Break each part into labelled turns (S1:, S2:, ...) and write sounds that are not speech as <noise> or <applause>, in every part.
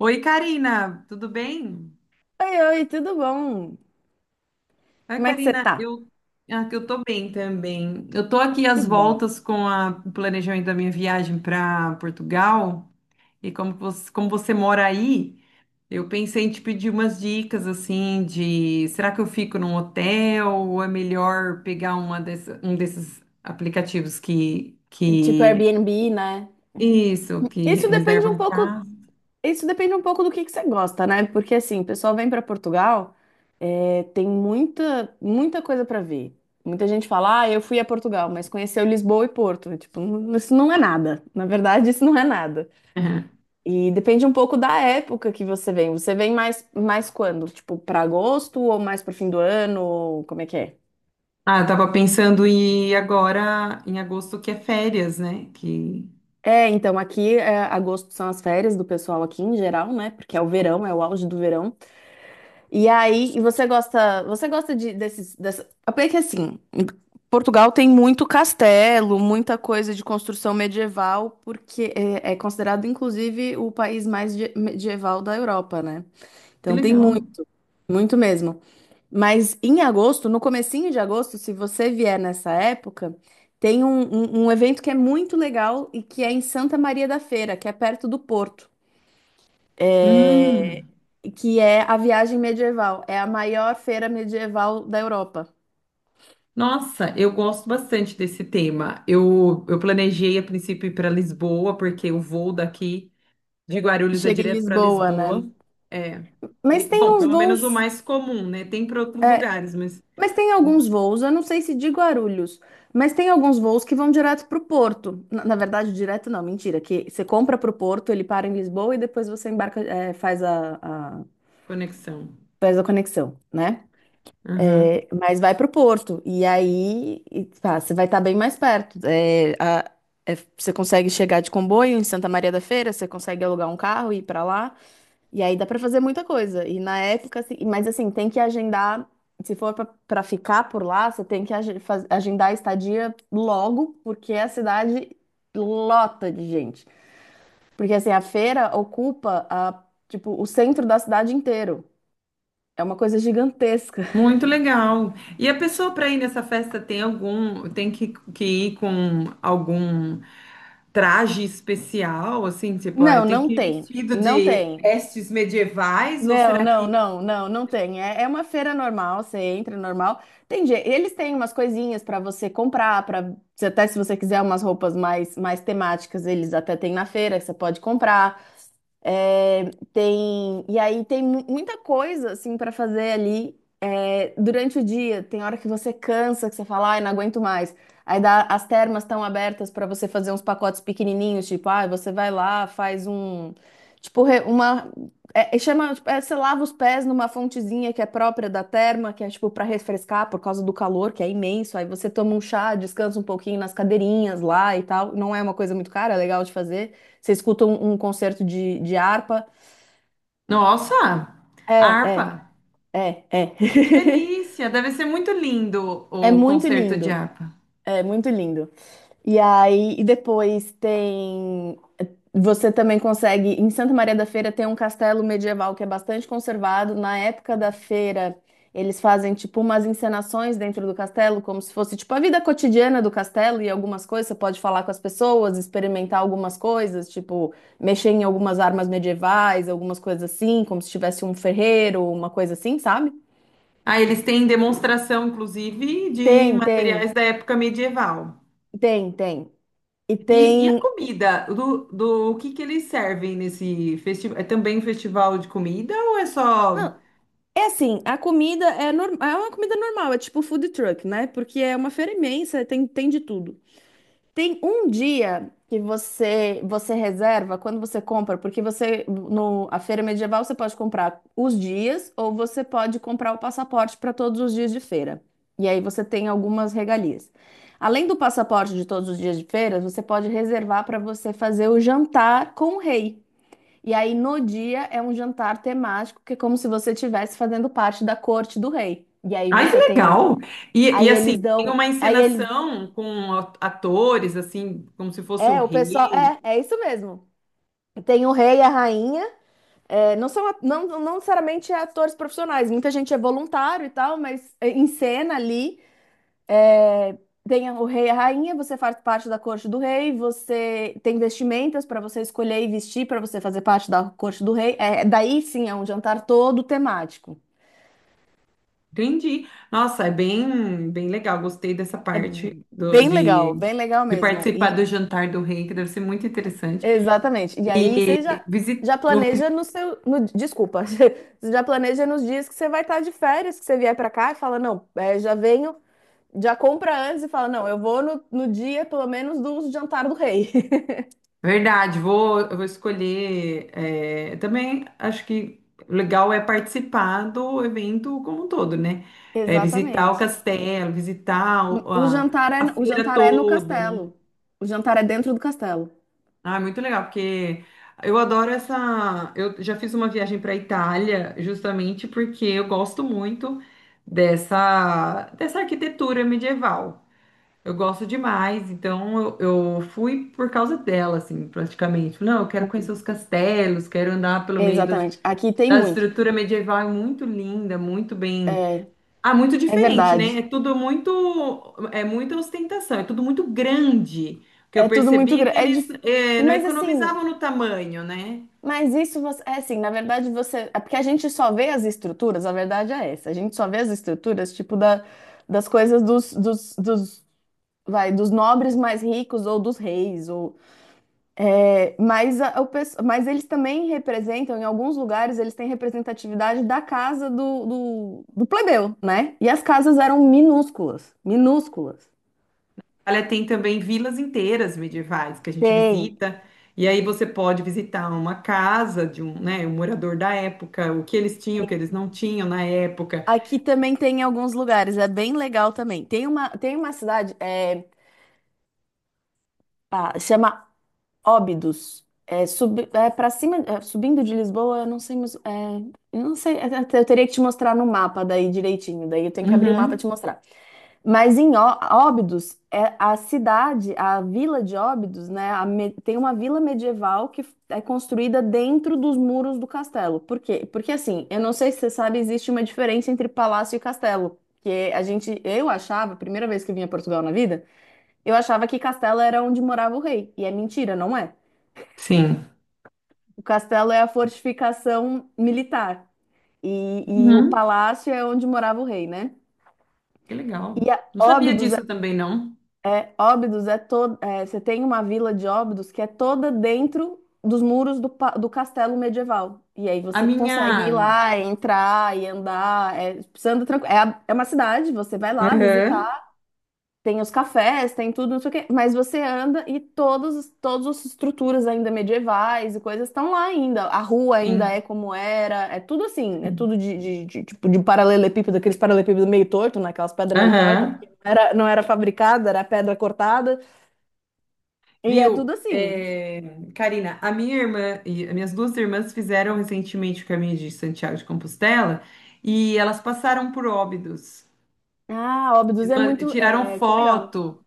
S1: Oi, Karina, tudo bem?
S2: Oi, oi, tudo bom?
S1: Oi,
S2: Como é que você
S1: Karina,
S2: tá?
S1: que eu tô bem também. Eu tô aqui
S2: Que
S1: às
S2: bom.
S1: voltas com o planejamento da minha viagem para Portugal e como você mora aí, eu pensei em te pedir umas dicas assim de será que eu fico num hotel ou é melhor pegar uma um desses aplicativos
S2: Tipo
S1: que
S2: Airbnb, né?
S1: isso, que
S2: Isso depende um
S1: reservam
S2: pouco,
S1: casa?
S2: isso depende um pouco do que você gosta, né? Porque assim, o pessoal vem para Portugal, tem muita, muita coisa para ver. Muita gente fala, ah, eu fui a Portugal, mas conheceu Lisboa e Porto. Tipo, isso não é nada. Na verdade, isso não é nada.
S1: <laughs>
S2: E depende um pouco da época que você vem. Você vem mais quando? Tipo, para agosto ou mais para fim do ano? Ou como é que é?
S1: Ah, eu tava pensando em ir agora em agosto que é férias, né?
S2: É, então aqui agosto são as férias do pessoal aqui em geral, né? Porque é o verão, é o auge do verão. E aí, e você gosta dessa... Porque que assim, Portugal tem muito castelo, muita coisa de construção medieval, porque é, é considerado inclusive o país medieval da Europa, né?
S1: Que
S2: Então tem
S1: legal.
S2: muito, muito mesmo. Mas em agosto, no comecinho de agosto, se você vier nessa época, tem um evento que é muito legal e que é em Santa Maria da Feira, que é perto do Porto. É,
S1: Hum.
S2: que é a viagem medieval. É a maior feira medieval da Europa.
S1: Nossa, eu gosto bastante desse tema. Eu planejei a princípio ir para Lisboa, porque o voo daqui de Guarulhos é
S2: Chega em
S1: direto para
S2: Lisboa,
S1: Lisboa.
S2: né?
S1: É. E,
S2: Mas tem
S1: bom,
S2: uns
S1: pelo menos o
S2: voos.
S1: mais comum, né? Tem para outros lugares, mas
S2: Mas tem
S1: hum,
S2: alguns voos, eu não sei se de Guarulhos, mas tem alguns voos que vão direto para o Porto. Na, na verdade, direto não, mentira, que você compra para o Porto, ele para em Lisboa e depois você embarca, é,
S1: conexão.
S2: faz a conexão, né? É, mas vai para o Porto e aí e, pá, você vai estar bem mais perto. É, você consegue chegar de comboio em Santa Maria da Feira, você consegue alugar um carro e ir para lá. E aí dá pra fazer muita coisa. E na época, assim, mas assim, tem que agendar. Se for pra ficar por lá, você tem que agendar a estadia logo, porque a cidade lota de gente. Porque assim, a feira ocupa a, tipo, o centro da cidade inteiro. É uma coisa gigantesca. <laughs>
S1: Muito legal. E a pessoa para ir nessa festa tem algum, tem que ir com algum traje especial, assim, tipo, ah,
S2: Não,
S1: eu tenho
S2: não
S1: que ir
S2: tem.
S1: vestido
S2: Não
S1: de
S2: tem.
S1: vestes medievais, ou
S2: Não,
S1: será
S2: não,
S1: que...
S2: não, não, não tem. É, é uma feira normal, você entra normal. Tem, eles têm umas coisinhas para você comprar, para até se você quiser umas roupas mais, mais temáticas, eles até têm na feira que você pode comprar. É, tem e aí tem muita coisa assim para fazer ali. Durante o dia, tem hora que você cansa, que você fala, ai, não aguento mais. As termas estão abertas para você fazer uns pacotes pequenininhos, tipo, ai, você vai lá, faz um. Tipo, uma. Chama, tipo, é, você lava os pés numa fontezinha que é própria da terma, que é tipo para refrescar por causa do calor, que é imenso. Aí você toma um chá, descansa um pouquinho nas cadeirinhas lá e tal. Não é uma coisa muito cara, é legal de fazer. Você escuta um concerto de harpa.
S1: Nossa,
S2: É, é,
S1: harpa!
S2: é, é.
S1: Que
S2: <laughs>
S1: delícia! Deve ser muito lindo
S2: É
S1: o
S2: muito
S1: concerto de
S2: lindo.
S1: harpa.
S2: É muito lindo. E aí, e depois tem. Você também consegue. Em Santa Maria da Feira tem um castelo medieval que é bastante conservado. Na época da feira, eles fazem tipo umas encenações dentro do castelo, como se fosse tipo a vida cotidiana do castelo e algumas coisas. Você pode falar com as pessoas, experimentar algumas coisas, tipo mexer em algumas armas medievais, algumas coisas assim, como se tivesse um ferreiro, uma coisa assim, sabe?
S1: Ah, eles têm demonstração, inclusive, de
S2: Tem, tem,
S1: materiais da época medieval.
S2: tem, tem. E
S1: E a
S2: tem.
S1: comida, do o que que eles servem nesse festival? É também um festival de comida ou é
S2: Não,
S1: só...
S2: é assim, a comida é, é uma comida normal, é tipo food truck, né? Porque é uma feira imensa, tem, tem de tudo. Tem um dia que você reserva quando você compra, porque você no a feira medieval você pode comprar os dias ou você pode comprar o passaporte para todos os dias de feira. E aí você tem algumas regalias. Além do passaporte de todos os dias de feira, você pode reservar para você fazer o jantar com o rei. E aí, no dia, é um jantar temático que é como se você estivesse fazendo parte da corte do rei. E aí
S1: Ai, que
S2: você tem as...
S1: legal! E
S2: Aí
S1: assim,
S2: eles
S1: tem
S2: dão.
S1: uma
S2: Aí eles.
S1: encenação com atores, assim, como se fosse o
S2: É, o pessoal.
S1: rei.
S2: É, é isso mesmo. Tem o rei e a rainha. É, não são, não, não necessariamente é atores profissionais. Muita gente é voluntário e tal, mas é, em cena ali. É, tem o rei e a rainha, você faz parte da corte do rei, você tem vestimentas para você escolher e vestir para você fazer parte da corte do rei. É, daí sim é um jantar todo temático.
S1: Entendi. Nossa, é bem, bem legal. Gostei dessa
S2: É
S1: parte
S2: bem legal
S1: de
S2: mesmo.
S1: participar do
S2: E
S1: jantar do rei, que deve ser muito interessante.
S2: exatamente. E aí
S1: E visit,
S2: já planeja no seu, no, desculpa, <laughs> você já planeja nos dias que você vai estar de férias, que você vier para cá e fala, não, é, já venho, já compra antes e fala, não, eu vou no dia pelo menos do jantar do rei. <laughs>
S1: Verdade, eu vou escolher. É, também acho que legal é participar do evento como um todo, né? É, visitar o
S2: Exatamente.
S1: castelo, visitar a
S2: O
S1: feira
S2: jantar é no
S1: toda, né?
S2: castelo. O jantar é dentro do castelo.
S1: Ah, é muito legal, porque eu adoro essa. Eu já fiz uma viagem para a Itália justamente porque eu gosto muito dessa arquitetura medieval. Eu gosto demais, então eu fui por causa dela, assim, praticamente. Falei, não, eu quero conhecer os castelos, quero andar pelo meio das,
S2: Exatamente. Aqui tem
S1: da
S2: muito.
S1: estrutura medieval, é muito linda, muito bem.
S2: É,
S1: Ah, muito
S2: é
S1: diferente, né?
S2: verdade.
S1: É tudo muito, é muita ostentação, é tudo muito grande. O que eu
S2: É tudo muito
S1: percebi é que
S2: grande.
S1: eles não
S2: Mas assim,
S1: economizavam no tamanho, né?
S2: mas isso você, é assim, na verdade você, é porque a gente só vê as estruturas, a verdade é essa, a gente só vê as estruturas, tipo, das coisas dos, dos, dos, vai, dos nobres mais ricos ou dos reis, ou, é, mas, mas eles também representam, em alguns lugares, eles têm representatividade da casa do plebeu, né? E as casas eram minúsculas, minúsculas.
S1: Itália tem também vilas inteiras medievais que a gente
S2: Tem.
S1: visita, e aí você pode visitar uma casa de um, né, um morador da época, o que eles tinham, o que eles não tinham na época.
S2: Aqui também tem em alguns lugares, é bem legal também. Tem uma cidade, é, ah, chama Óbidos. É, é para cima, é, subindo de Lisboa, eu não sei, mas, é, eu não sei, é, é, eu teria que te mostrar no mapa daí direitinho, daí eu tenho que abrir o mapa e te
S1: Uhum,
S2: mostrar. Mas em Óbidos, é a cidade, a vila de Óbidos, né, tem uma vila medieval que é construída dentro dos muros do castelo. Por quê? Porque assim, eu não sei se você sabe, existe uma diferença entre palácio e castelo. Que a gente, eu achava, primeira vez que eu vim a Portugal na vida, eu achava que castelo era onde morava o rei. E é mentira, não é?
S1: sim.
S2: O castelo é a fortificação militar e o
S1: Uhum,
S2: palácio é onde morava o rei, né?
S1: que
S2: E
S1: legal.
S2: a
S1: Não sabia
S2: Óbidos é,
S1: disso também, não.
S2: é Óbidos é toda, você tem uma vila de Óbidos que é toda dentro dos muros do castelo medieval. E aí
S1: A
S2: você
S1: minha.
S2: consegue ir lá, entrar e andar, é, você anda tranquilo. É, é uma cidade, você vai lá
S1: Aham,
S2: visitar. Tem os cafés, tem tudo, não sei o quê, mas você anda e todos, todas as estruturas ainda medievais e coisas estão lá ainda. A rua ainda
S1: sim.
S2: é como era, é tudo assim, é tudo tipo, de paralelepípedo, aqueles paralelepípedos meio torto, né? Aquelas pedras meio tortas,
S1: Aham.
S2: porque não era, não era fabricada, era pedra cortada, e é
S1: Viu?
S2: tudo assim.
S1: É, Karina, a minha irmã e as minhas duas irmãs fizeram recentemente o caminho de Santiago de Compostela e elas passaram por Óbidos.
S2: Ah, Óbidos é
S1: Ma-
S2: muito,
S1: Tiraram
S2: é, que legal.
S1: foto,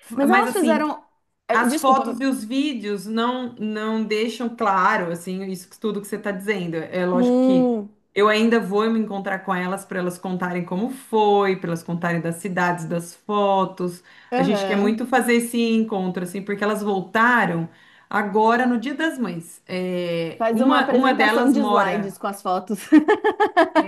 S1: f-
S2: Mas
S1: mas
S2: elas
S1: assim,
S2: fizeram, é,
S1: as
S2: desculpa,
S1: fotos e os vídeos não não deixam claro, assim, isso tudo que você está dizendo. É lógico que
S2: hum,
S1: eu ainda vou me encontrar com elas para elas contarem como foi, para elas contarem das cidades, das fotos. A gente quer
S2: aham.
S1: muito fazer esse encontro, assim, porque elas voltaram agora no Dia das Mães. É,
S2: Faz uma
S1: uma
S2: apresentação
S1: delas
S2: de slides
S1: mora
S2: com as fotos.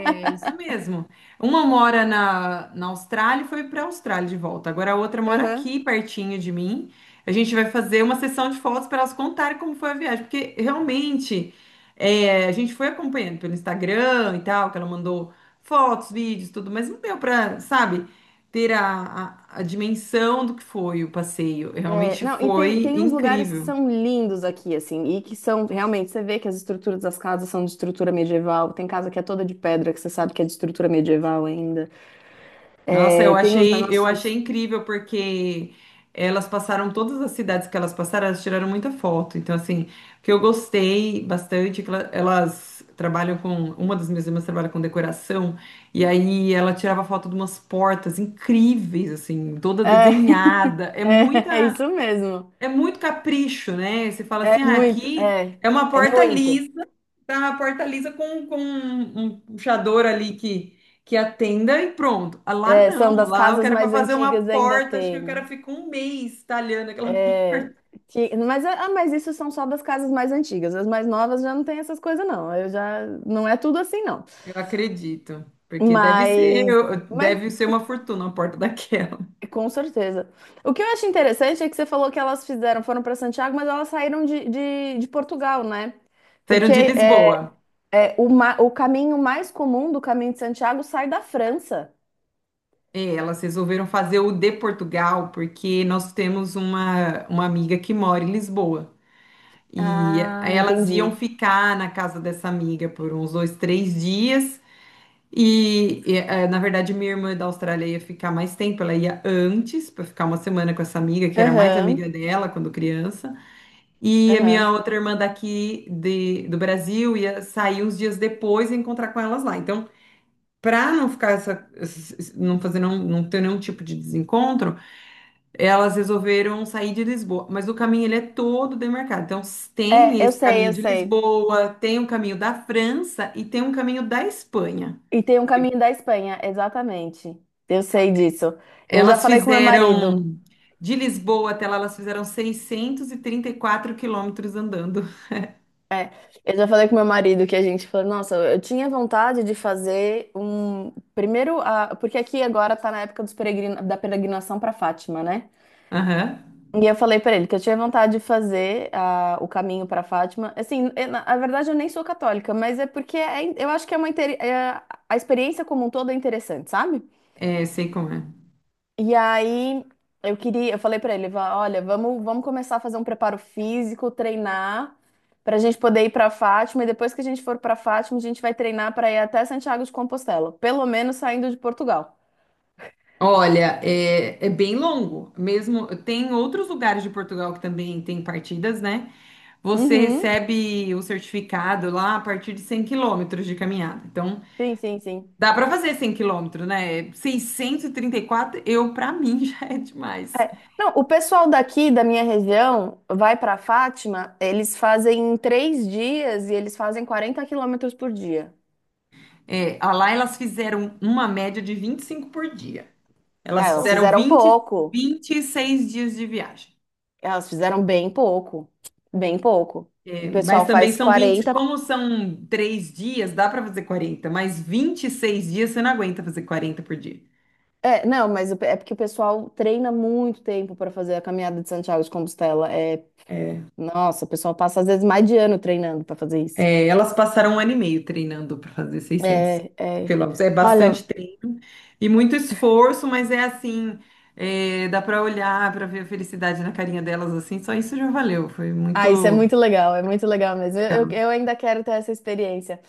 S1: é isso mesmo. Uma mora na Austrália e foi para a Austrália de volta. Agora a outra
S2: <laughs>
S1: mora
S2: Aham.
S1: aqui, pertinho de mim. A gente vai fazer uma sessão de fotos para elas contarem como foi a viagem, porque realmente é, a gente foi acompanhando pelo Instagram e tal, que ela mandou fotos, vídeos, tudo, mas não deu para, sabe, ter a dimensão do que foi o passeio.
S2: É,
S1: Realmente
S2: não, e tem,
S1: foi
S2: tem uns lugares que
S1: incrível.
S2: são lindos aqui, assim, e que são realmente, você vê que as estruturas das casas são de estrutura medieval, tem casa que é toda de pedra, que você sabe que é de estrutura medieval ainda.
S1: Nossa,
S2: É, tem uns
S1: eu achei
S2: negócios.
S1: incrível porque elas passaram todas as cidades que elas passaram, elas tiraram muita foto. Então, assim, o que eu gostei bastante é que elas trabalham com, uma das minhas irmãs trabalha com decoração, e aí ela tirava foto de umas portas incríveis, assim, toda
S2: É,
S1: desenhada. É
S2: <laughs> é, é
S1: muita
S2: isso mesmo.
S1: é muito capricho, né? Você fala
S2: É
S1: assim, ah,
S2: muito,
S1: aqui
S2: é,
S1: é uma
S2: é
S1: porta
S2: muito.
S1: lisa, tá uma porta lisa com um puxador ali que atenda e pronto. Ah, lá
S2: É, são
S1: não,
S2: das
S1: lá o
S2: casas
S1: cara para
S2: mais
S1: fazer uma
S2: antigas ainda
S1: porta, acho que o cara
S2: tem.
S1: fica um mês talhando aquela <laughs>
S2: É,
S1: porta.
S2: Mas, ah, mas isso são só das casas mais antigas. As mais novas já não tem essas coisas, não. Eu já, não é tudo assim, não.
S1: Eu acredito, porque
S2: Mas, mas
S1: deve ser uma fortuna a porta daquela.
S2: com certeza. O que eu acho interessante é que você falou que elas fizeram, foram para Santiago, mas elas saíram de Portugal, né?
S1: Saíram
S2: Porque
S1: de Lisboa.
S2: é, o caminho mais comum do caminho de Santiago sai da França.
S1: É, elas resolveram fazer o de Portugal, porque nós temos uma amiga que mora em Lisboa. E
S2: Ah,
S1: aí elas iam
S2: entendi.
S1: ficar na casa dessa amiga por uns dois, três dias. Na verdade, minha irmã da Austrália ia ficar mais tempo. Ela ia antes para ficar uma semana com essa amiga, que era mais
S2: Aham,
S1: amiga dela quando criança. E a minha
S2: aham.
S1: outra irmã daqui do Brasil ia sair uns dias depois e encontrar com elas lá. Então, para não ficar essa, não fazer não, não ter nenhum tipo de desencontro, elas resolveram sair de Lisboa, mas o caminho ele é todo demarcado. Então, s- tem
S2: É, eu
S1: esse
S2: sei,
S1: caminho
S2: eu
S1: de
S2: sei.
S1: Lisboa, tem o caminho da França e tem um caminho da Espanha.
S2: E tem um caminho da Espanha, exatamente. Eu sei disso. Eu já
S1: Elas
S2: falei com meu marido.
S1: fizeram de Lisboa até lá, elas fizeram 634 quilômetros andando. <laughs>
S2: É, eu já falei com meu marido que a gente falou, nossa, eu tinha vontade de fazer um. Primeiro, a... porque aqui agora tá na época dos peregrina... da peregrinação pra Fátima, né?
S1: Aham.
S2: E eu falei pra ele que eu tinha vontade de fazer a... o caminho pra Fátima. Assim, eu, na na verdade eu nem sou católica, mas é porque eu acho que é uma. A experiência como um todo é interessante, sabe?
S1: É, sei como é.
S2: E aí eu queria, eu falei pra ele, olha, vamos, vamos começar a fazer um preparo físico, treinar pra gente poder ir pra Fátima e depois que a gente for pra Fátima, a gente vai treinar pra ir até Santiago de Compostela, pelo menos saindo de Portugal.
S1: Olha, é, é bem longo. Mesmo tem outros lugares de Portugal que também tem partidas, né? Você
S2: Uhum.
S1: recebe o certificado lá a partir de 100 quilômetros de caminhada. Então,
S2: Sim, sim, sim.
S1: dá pra fazer 100 quilômetros, né? Seiscentos e trinta e quatro, eu, pra mim, <laughs> já é demais.
S2: É, não, o pessoal daqui da minha região vai pra Fátima, eles fazem 3 dias e eles fazem 40 quilômetros por dia.
S1: É, a lá elas fizeram uma média de 25 por dia.
S2: Ah,
S1: Elas
S2: elas
S1: fizeram
S2: fizeram pouco.
S1: 26 dias de viagem.
S2: Elas fizeram bem pouco. Bem pouco. O
S1: É, mas
S2: pessoal
S1: também
S2: faz
S1: são 20,
S2: 40.
S1: como são três dias, dá pra fazer 40. Mas 26 dias você não aguenta fazer 40 por dia.
S2: É, não, mas o é porque o pessoal treina muito tempo para fazer a caminhada de Santiago de Compostela. É, nossa, o pessoal passa às vezes mais de ano treinando para fazer isso.
S1: É, elas passaram um ano e meio treinando pra fazer 600
S2: É, é.
S1: quilômetros. É
S2: Olha,
S1: bastante e muito esforço, mas é assim, é, dá pra olhar, pra ver a felicidade na carinha delas assim, só isso já valeu, foi
S2: ah, isso
S1: muito
S2: é muito legal mesmo.
S1: legal.
S2: Eu ainda quero ter essa experiência.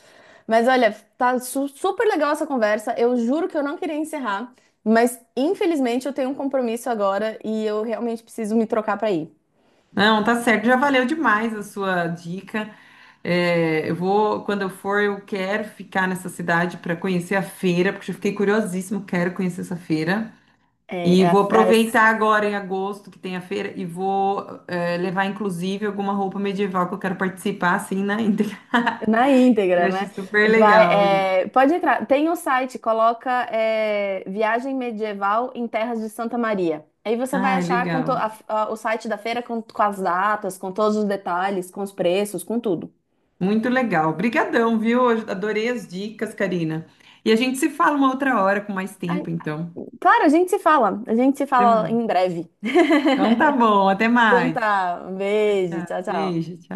S2: Mas olha, super legal essa conversa. Eu juro que eu não queria encerrar, mas infelizmente eu tenho um compromisso agora e eu realmente preciso me trocar para ir.
S1: Não, tá certo, já valeu demais a sua dica. É, eu vou, quando eu for, eu quero ficar nessa cidade para conhecer a feira, porque eu fiquei curiosíssimo, quero conhecer essa feira.
S2: É,
S1: E
S2: é a-
S1: vou
S2: é
S1: aproveitar agora em agosto que tem a feira e vou levar inclusive alguma roupa medieval que eu quero participar assim na íntegra.
S2: Na
S1: <laughs> Eu
S2: íntegra,
S1: acho
S2: né?
S1: super
S2: Vai,
S1: legal isso.
S2: é, pode entrar. Tem o site, coloca é, Viagem Medieval em Terras de Santa Maria. Aí você vai
S1: Ai,
S2: achar com to-
S1: legal.
S2: a- o site da feira com as datas, com todos os detalhes, com os preços, com tudo.
S1: Muito legal. Obrigadão, viu? Eu adorei as dicas, Karina. E a gente se fala uma outra hora com mais
S2: Aí,
S1: tempo, então.
S2: claro, a gente se fala. A gente se
S1: Até
S2: fala em
S1: mais.
S2: breve.
S1: Então tá bom, até
S2: Então
S1: mais.
S2: tá, um
S1: Tchau,
S2: beijo,
S1: tchau.
S2: tchau, tchau.
S1: Beijo, tchau.